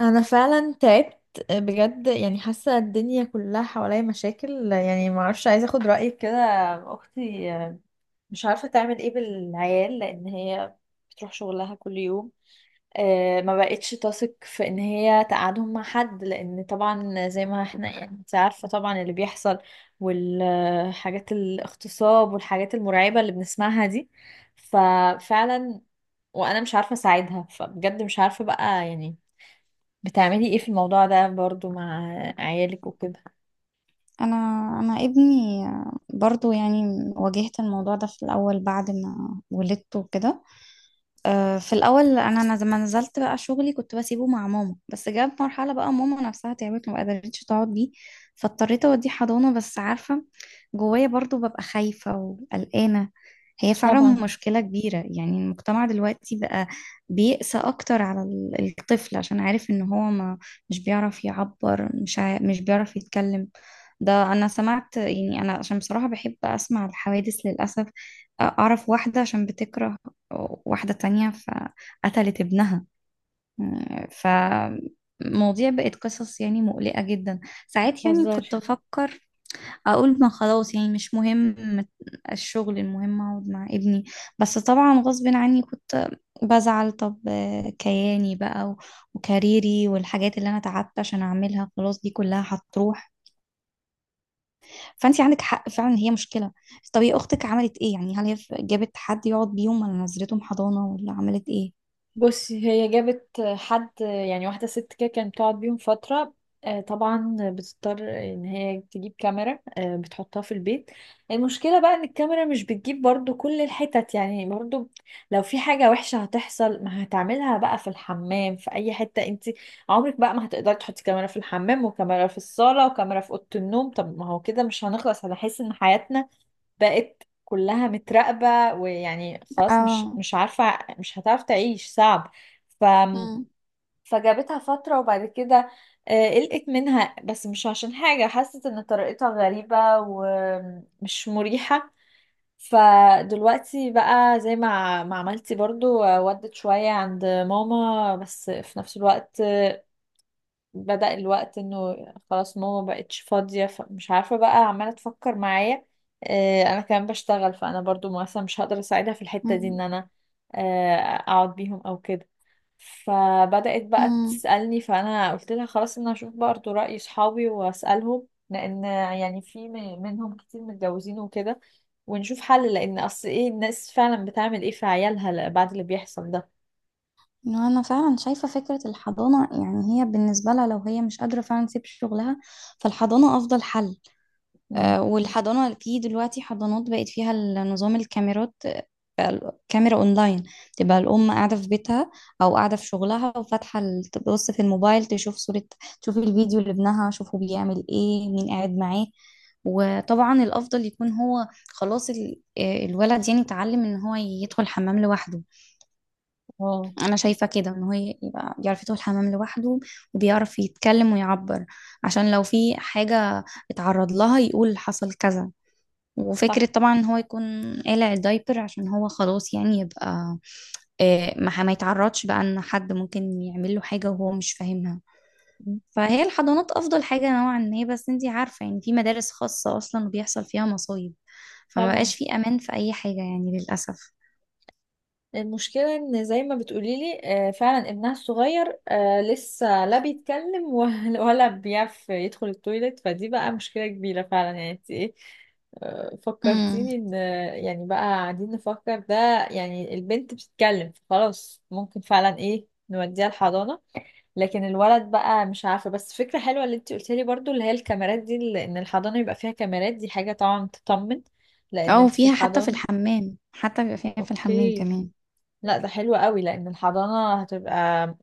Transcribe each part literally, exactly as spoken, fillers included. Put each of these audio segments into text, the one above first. انا فعلا تعبت بجد. يعني حاسه الدنيا كلها حواليا مشاكل، يعني ما اعرفش، عايزه اخد رايك كده. اختي مش عارفه تعمل ايه بالعيال، لان هي بتروح شغلها كل يوم. آه، ما بقتش تثق في ان هي تقعدهم مع حد، لان طبعا زي ما احنا، يعني انت عارفه طبعا اللي بيحصل، والحاجات الاغتصاب والحاجات المرعبه اللي بنسمعها دي. ففعلا وانا مش عارفه اساعدها، فبجد مش عارفه بقى، يعني بتعملي ايه في الموضوع ده برضو مع عيالك وكده؟ انا انا ابني برضو يعني واجهت الموضوع ده في الاول بعد ما ولدته كده. آه، في الأول أنا أنا لما نزلت بقى شغلي كنت بسيبه مع ماما، بس جت مرحلة بقى ماما نفسها تعبت، ما قدرتش تقعد بيه. فاضطريت أوديه حضانة، بس عارفة جوايا برضو ببقى خايفة وقلقانة. هي فعلا طبعا. مشكلة كبيرة، يعني المجتمع دلوقتي بقى بيقسى أكتر على ال- الطفل عشان عارف إن هو ما مش بيعرف يعبر، مش عا... مش بيعرف يتكلم. ده أنا سمعت، يعني أنا عشان بصراحة بحب أسمع الحوادث للأسف، أعرف واحدة عشان بتكره واحدة تانية فقتلت ابنها. فمواضيع بقت قصص يعني مقلقة جدا. ساعات يعني بهزر. كنت أفكر أقول ما خلاص يعني مش مهم الشغل، المهم أقعد مع ابني. بس طبعا غصب عني كنت بزعل، طب كياني بقى و- وكاريري والحاجات اللي أنا تعبت عشان أعملها خلاص دي كلها هتروح. فأنت عندك حق فعلا، هي مشكلة. طب هي أختك عملت إيه؟ يعني هل هي جابت حد يقعد بيهم، ولا نزلتهم حضانة، ولا عملت إيه؟ بصي، هي جابت حد، يعني واحدة ست كده كانت بتقعد بيهم فترة. آه، طبعا بتضطر ان هي تجيب كاميرا، آه، بتحطها في البيت. المشكلة بقى ان الكاميرا مش بتجيب برضو كل الحتت، يعني برضو لو في حاجة وحشة هتحصل ما هتعملها بقى في الحمام، في اي حتة، انت عمرك بقى ما هتقدري تحطي كاميرا في الحمام وكاميرا في الصالة وكاميرا في أوضة النوم. طب ما هو كده مش هنخلص. هنحس ان حياتنا بقت كلها متراقبة، ويعني خلاص، مش اه. مش عارفة، مش هتعرف تعيش، صعب. ف مم. فجابتها فترة وبعد كده آه، قلقت منها، بس مش عشان حاجة، حست ان طريقتها غريبة ومش مريحة. فدلوقتي بقى زي ما ما عملتي برضو، آه، ودت شوية عند ماما، بس في نفس الوقت بدأ الوقت انه خلاص ماما مبقتش فاضية، فمش عارفة بقى، عمالة تفكر معايا. آه، انا كمان بشتغل، فانا برضو مثلا مش هقدر اساعدها في الحتة دي، ان مم. انا آه، اقعد بيهم او كده. فبدأت بقى مم. تسألني، فانا قلت لها خلاص ان انا اشوف برضو رأي صحابي واسألهم، لان يعني في م- منهم كتير متجوزين وكده. ونشوف حل، لان اصل ايه الناس فعلا بتعمل ايه في عيالها بعد اللي بيحصل ده. إنه أنا فعلا شايفة فكرة الحضانة، يعني هي بالنسبة لها لو هي مش قادرة فعلا تسيب شغلها فالحضانة أفضل حل. امم آه، والحضانة في دلوقتي حضانات بقت فيها ال- نظام الكاميرات. آه، بقى ال- كاميرا أونلاين، تبقى الأم قاعدة في بيتها أو قاعدة في شغلها، وفاتحة ال- تبص في الموبايل تشوف صورة، تشوف الفيديو لابنها، شوفه بيعمل إيه، مين قاعد معاه. وطبعا الأفضل يكون هو خلاص ال- آه، الولد يعني اتعلم إن هو يدخل حمام لوحده. اه انا شايفه كده ان هو يبقى بيعرف يدخل الحمام لوحده وبيعرف يتكلم ويعبر، عشان لو في حاجه اتعرض لها يقول حصل كذا. وفكرة صح. طبعا ان هو يكون قالع الدايبر عشان هو خلاص يعني يبقى، آه، ما ما يتعرضش بقى ان حد ممكن يعمل له حاجة وهو مش فاهمها. مم. فهي الحضانات افضل حاجة نوعا ما، بس انتي عارفة يعني في مدارس خاصة اصلا وبيحصل فيها مصايب، فما طبعا. بقاش في امان في اي حاجة يعني للأسف. المشكلة ان زي ما بتقوليلي آه، فعلا ابنها الصغير آه، لسه لا بيتكلم ولا ولا بيعرف يدخل التويليت، فدي بقى مشكلة كبيرة فعلا، يعني انت ايه؟ آه، امم. فكرتيني ان آه، يعني بقى قاعدين نفكر ده. يعني البنت بتتكلم فخلاص ممكن فعلا ايه نوديها الحضانة. لكن الولد بقى مش عارفة. بس فكرة حلوة اللي انت قلتيلي برضو، اللي هي الكاميرات دي اللي- ان الحضانة يبقى فيها كاميرات، دي حاجة طبعا تطمن، لان او انت في فيها حتى في الحضانة. الحمام، حتى بيبقى فيها في الحمام اوكي. كمان. لا ده حلو قوي، لان الحضانة هتبقى،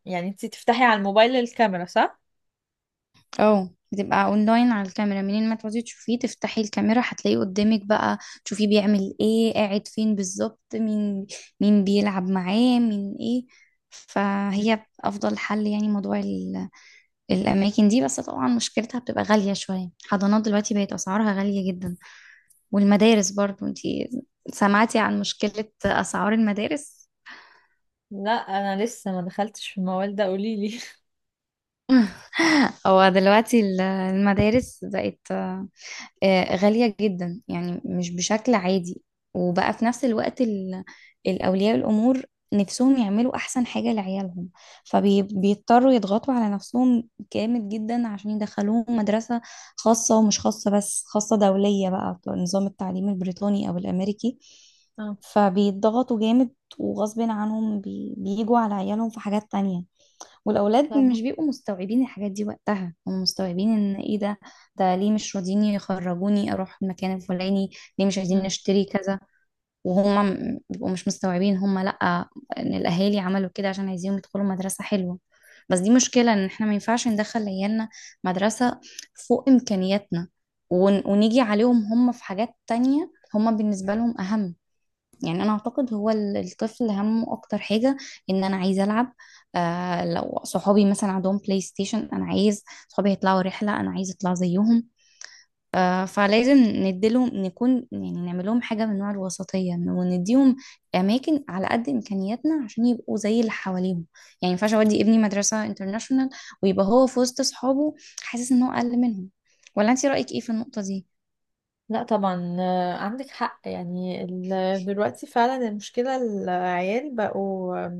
يعني انتي تفتحي على الموبايل الكاميرا صح؟ اه بتبقى اونلاين على الكاميرا، منين ما تقعدي تشوفيه تفتحي الكاميرا هتلاقيه قدامك بقى، تشوفيه بيعمل ايه، قاعد فين بالظبط، مين مين بيلعب معاه، مين ايه. مم. فهي افضل حل يعني، موضوع ال- الاماكن دي، بس طبعا مشكلتها بتبقى غالية شوية، حضانات دلوقتي بقت اسعارها غالية جدا. والمدارس برضو انتي سمعتي عن مشكلة اسعار المدارس؟ لا انا لسه ما دخلتش في الموال ده، قوليلي. هو دلوقتي ال- المدارس بقت آه، غالية جدا يعني مش بشكل عادي. وبقى في نفس الوقت ال- الأولياء الأمور نفسهم يعملوا أحسن حاجة لعيالهم، فبيضطروا يضغطوا على نفسهم جامد جدا عشان يدخلوهم مدرسة خاصة، ومش خاصة بس، خاصة دولية بقى، نظام التعليم البريطاني أو الأمريكي. اه. فبيضغطوا جامد، وغصب عنهم بي- بيجوا على عيالهم في حاجات تانية. والاولاد طبعا. مش بيبقوا مستوعبين الحاجات دي، وقتها هم مستوعبين ان ايه ده، ده ليه مش راضيين يخرجوني اروح المكان الفلاني، ليه مش عايزين مم. نشتري كذا. وهم م- بيبقوا مش مستوعبين هم لا، ان الاهالي عملوا كده عشان عايزينهم يدخلوا مدرسة حلوة. بس دي مشكلة، ان احنا ما ينفعش ندخل عيالنا مدرسة فوق امكانياتنا، ون- ونيجي عليهم هم في حاجات تانية هم بالنسبة لهم اهم. يعني انا اعتقد هو ال- الطفل همه اكتر حاجه ان انا عايز العب. آه لو صحابي مثلا عندهم بلاي ستيشن انا عايز، صحابي يطلعوا رحله انا عايز اطلع زيهم. آه فلازم نديلهم، نكون يعني نعمل لهم حاجه من نوع الوسطيه، إن- ونديهم اماكن على قد امكانياتنا عشان يبقوا زي اللي حواليهم يعني. ما ينفعش اودي ابني مدرسه انترناشونال ويبقى هو في وسط صحابه حاسس ان هو اقل منهم. ولا انت رايك ايه في النقطه دي؟ لا طبعا آه، عندك حق. يعني ال- دلوقتي فعلا المشكلة، العيال بقوا،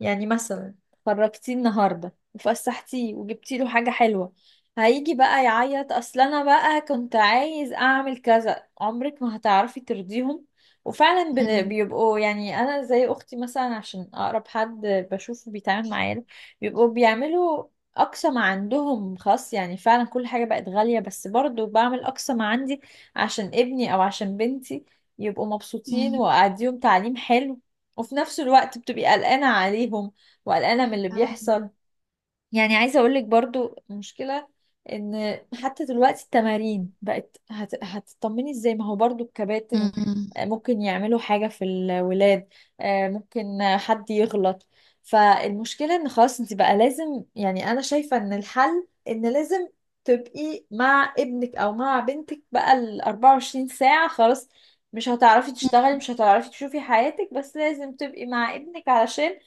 يعني مثلا خرجتيه النهارده وفسحتيه وجبتي له حاجه حلوه، هيجي بقى يعيط اصل انا بقى كنت عايز اعمل كذا. عمرك ما هتعرفي ترضيهم. وفعلا بن- امم. بيبقوا، يعني انا زي اختي مثلا عشان اقرب حد بشوفه بيتعامل معايا ده، بيبقوا بيعملوا اقصى ما عندهم خاص. يعني فعلا كل حاجه بقت غاليه، بس برضو بعمل اقصى ما عندي عشان ابني او عشان بنتي يبقوا مبسوطين، واديهم تعليم حلو. وفي نفس الوقت بتبقي قلقانة عليهم، وقلقانة من اللي بيحصل. يعني عايزة اقولك برضو المشكلة ان حتى دلوقتي التمارين بقت هت... هتطمني ازاي، ما هو برضو الكباتن آه، ممكن يعملوا حاجة في الولاد، آه، ممكن آه، حد يغلط. فالمشكلة ان خلاص انت بقى لازم، يعني انا شايفة ان الحل ان لازم تبقي مع ابنك او مع بنتك بقى ال اربعة وعشرين ساعة، خلاص مش هتعرفي تشتغلي، مش هتعرفي تشوفي حياتك، بس لازم تبقي مع ابنك، علشان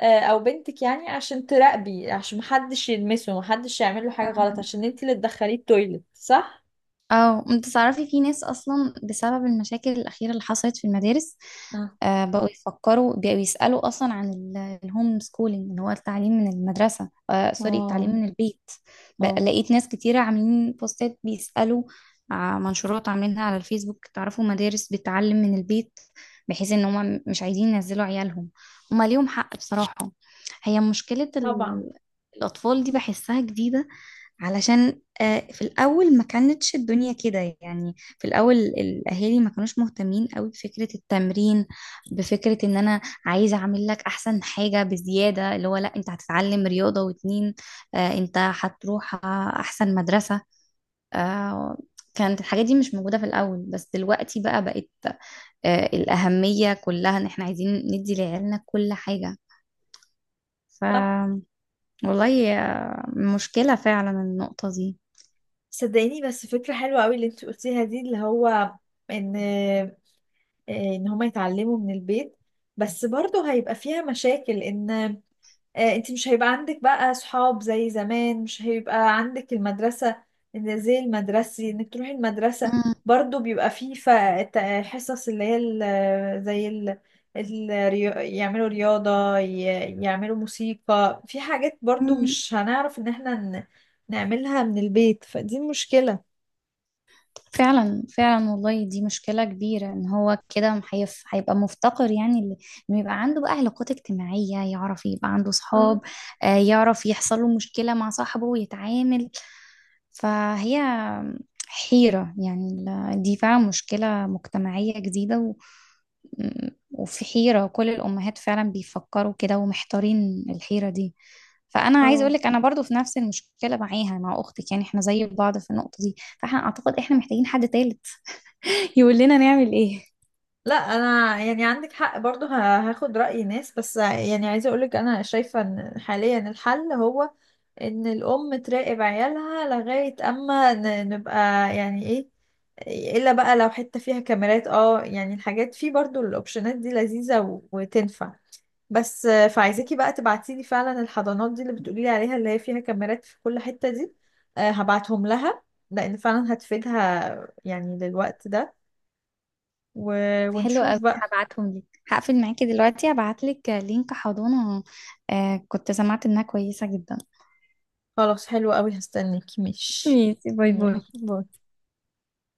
آه، او بنتك، يعني عشان تراقبي، عشان محدش يلمسه، محدش يعمل له حاجة غلط، امم. عشان انت اللي تدخليه التويلت، صح؟ اه انت تعرفي في ناس اصلا بسبب المشاكل الاخيره اللي حصلت في المدارس، اه آه بقوا يفكروا، بقوا يسالوا اصلا عن ال- الهوم سكولينج، اللي هو التعليم من المدرسه، آه سوري، التعليم اه من البيت. بقى اه لقيت ناس كتيره عاملين بوستات بيسالوا، ع- منشورات عاملينها على الفيسبوك، تعرفوا مدارس بتعلم من البيت، بحيث ان هم مش عايزين ينزلوا عيالهم. هما ليهم حق بصراحه، هي مشكله طبعا ال- الاطفال دي بحسها جديده، علشان آه، في الأول ما كانتش الدنيا كده. يعني في الأول الأهالي ما كانوش مهتمين قوي بفكرة التمرين، بفكرة إن أنا عايزة أعمل لك أحسن حاجة بزيادة، اللي هو لا أنت هتتعلم رياضة، واتنين آه، أنت هتروح آه، أحسن مدرسة. آه، كانت الحاجات دي مش موجودة في الأول، بس دلوقتي بقى بقت آه، الأهمية كلها إن إحنا عايزين ندي لعيالنا كل حاجة. ف صح. والله، آه، مشكلة فعلا النقطة دي. صدقيني بس فكرة حلوة قوي اللي انت قلتيها دي، اللي هو ان آه، ان هما يتعلموا من البيت. بس برضه هيبقى فيها مشاكل، ان آه، انت مش هيبقى عندك بقى صحاب زي زمان، مش هيبقى عندك المدرسة، إن زي المدرسي انك تروحي المدرسة. برضو بيبقى فيه ف- ت- حصص اللي هي ال- زي ال... الريو... يعملوا رياضة ي... يعملوا موسيقى، في حاجات برضو مم. مش هنعرف ان احنا ن... نعملها من البيت، فدي مشكلة. فعلا فعلا والله دي مشكلة كبيرة، ان هو كده هيف- هيبقى مفتقر يعني ل- انه يبقى عنده بقى علاقات اجتماعية، يعرف يبقى عنده صحاب، اه آه، يعرف يحصل له مشكلة مع صاحبه ويتعامل. فهي حيرة يعني ال- دي فعلا مشكلة مجتمعية جديدة و... م- وفي حيرة، كل الأمهات فعلا بيفكروا كده ومحتارين الحيرة دي. فأنا عايز اه. أقولك أنا برضو في نفس المشكلة معاها مع أختك، يعني احنا زي بعض في النقطة دي، فاحنا أعتقد احنا محتاجين حد تالت يقول لنا نعمل ايه. لا انا، يعني عندك حق برضو، ه- هاخد رأي ناس، بس يعني عايزة اقولك انا شايفة ان حاليا الحل هو ان الام تراقب عيالها لغاية اما ن- نبقى، يعني ايه، الا بقى لو حتة فيها كاميرات اه، يعني الحاجات فيه برضو الاوبشنات دي لذيذة و- وتنفع. بس آه، فعايزاكي بقى تبعتيلي فعلا الحضانات دي اللي بتقوليلي عليها اللي هي فيها كاميرات في كل حتة دي. آه، هبعتهم لها، لان فعلا هتفيدها يعني للوقت ده. و... حلو ونشوف قوي، بقى. هبعتهم لك. هقفل معاكي دلوقتي، هبعت لك لينك حضانة، آه كنت سمعت انها كويسة جدا. خلاص حلو قوي، هستناكي، ماشي. ميسي، باي باي. يلا باي.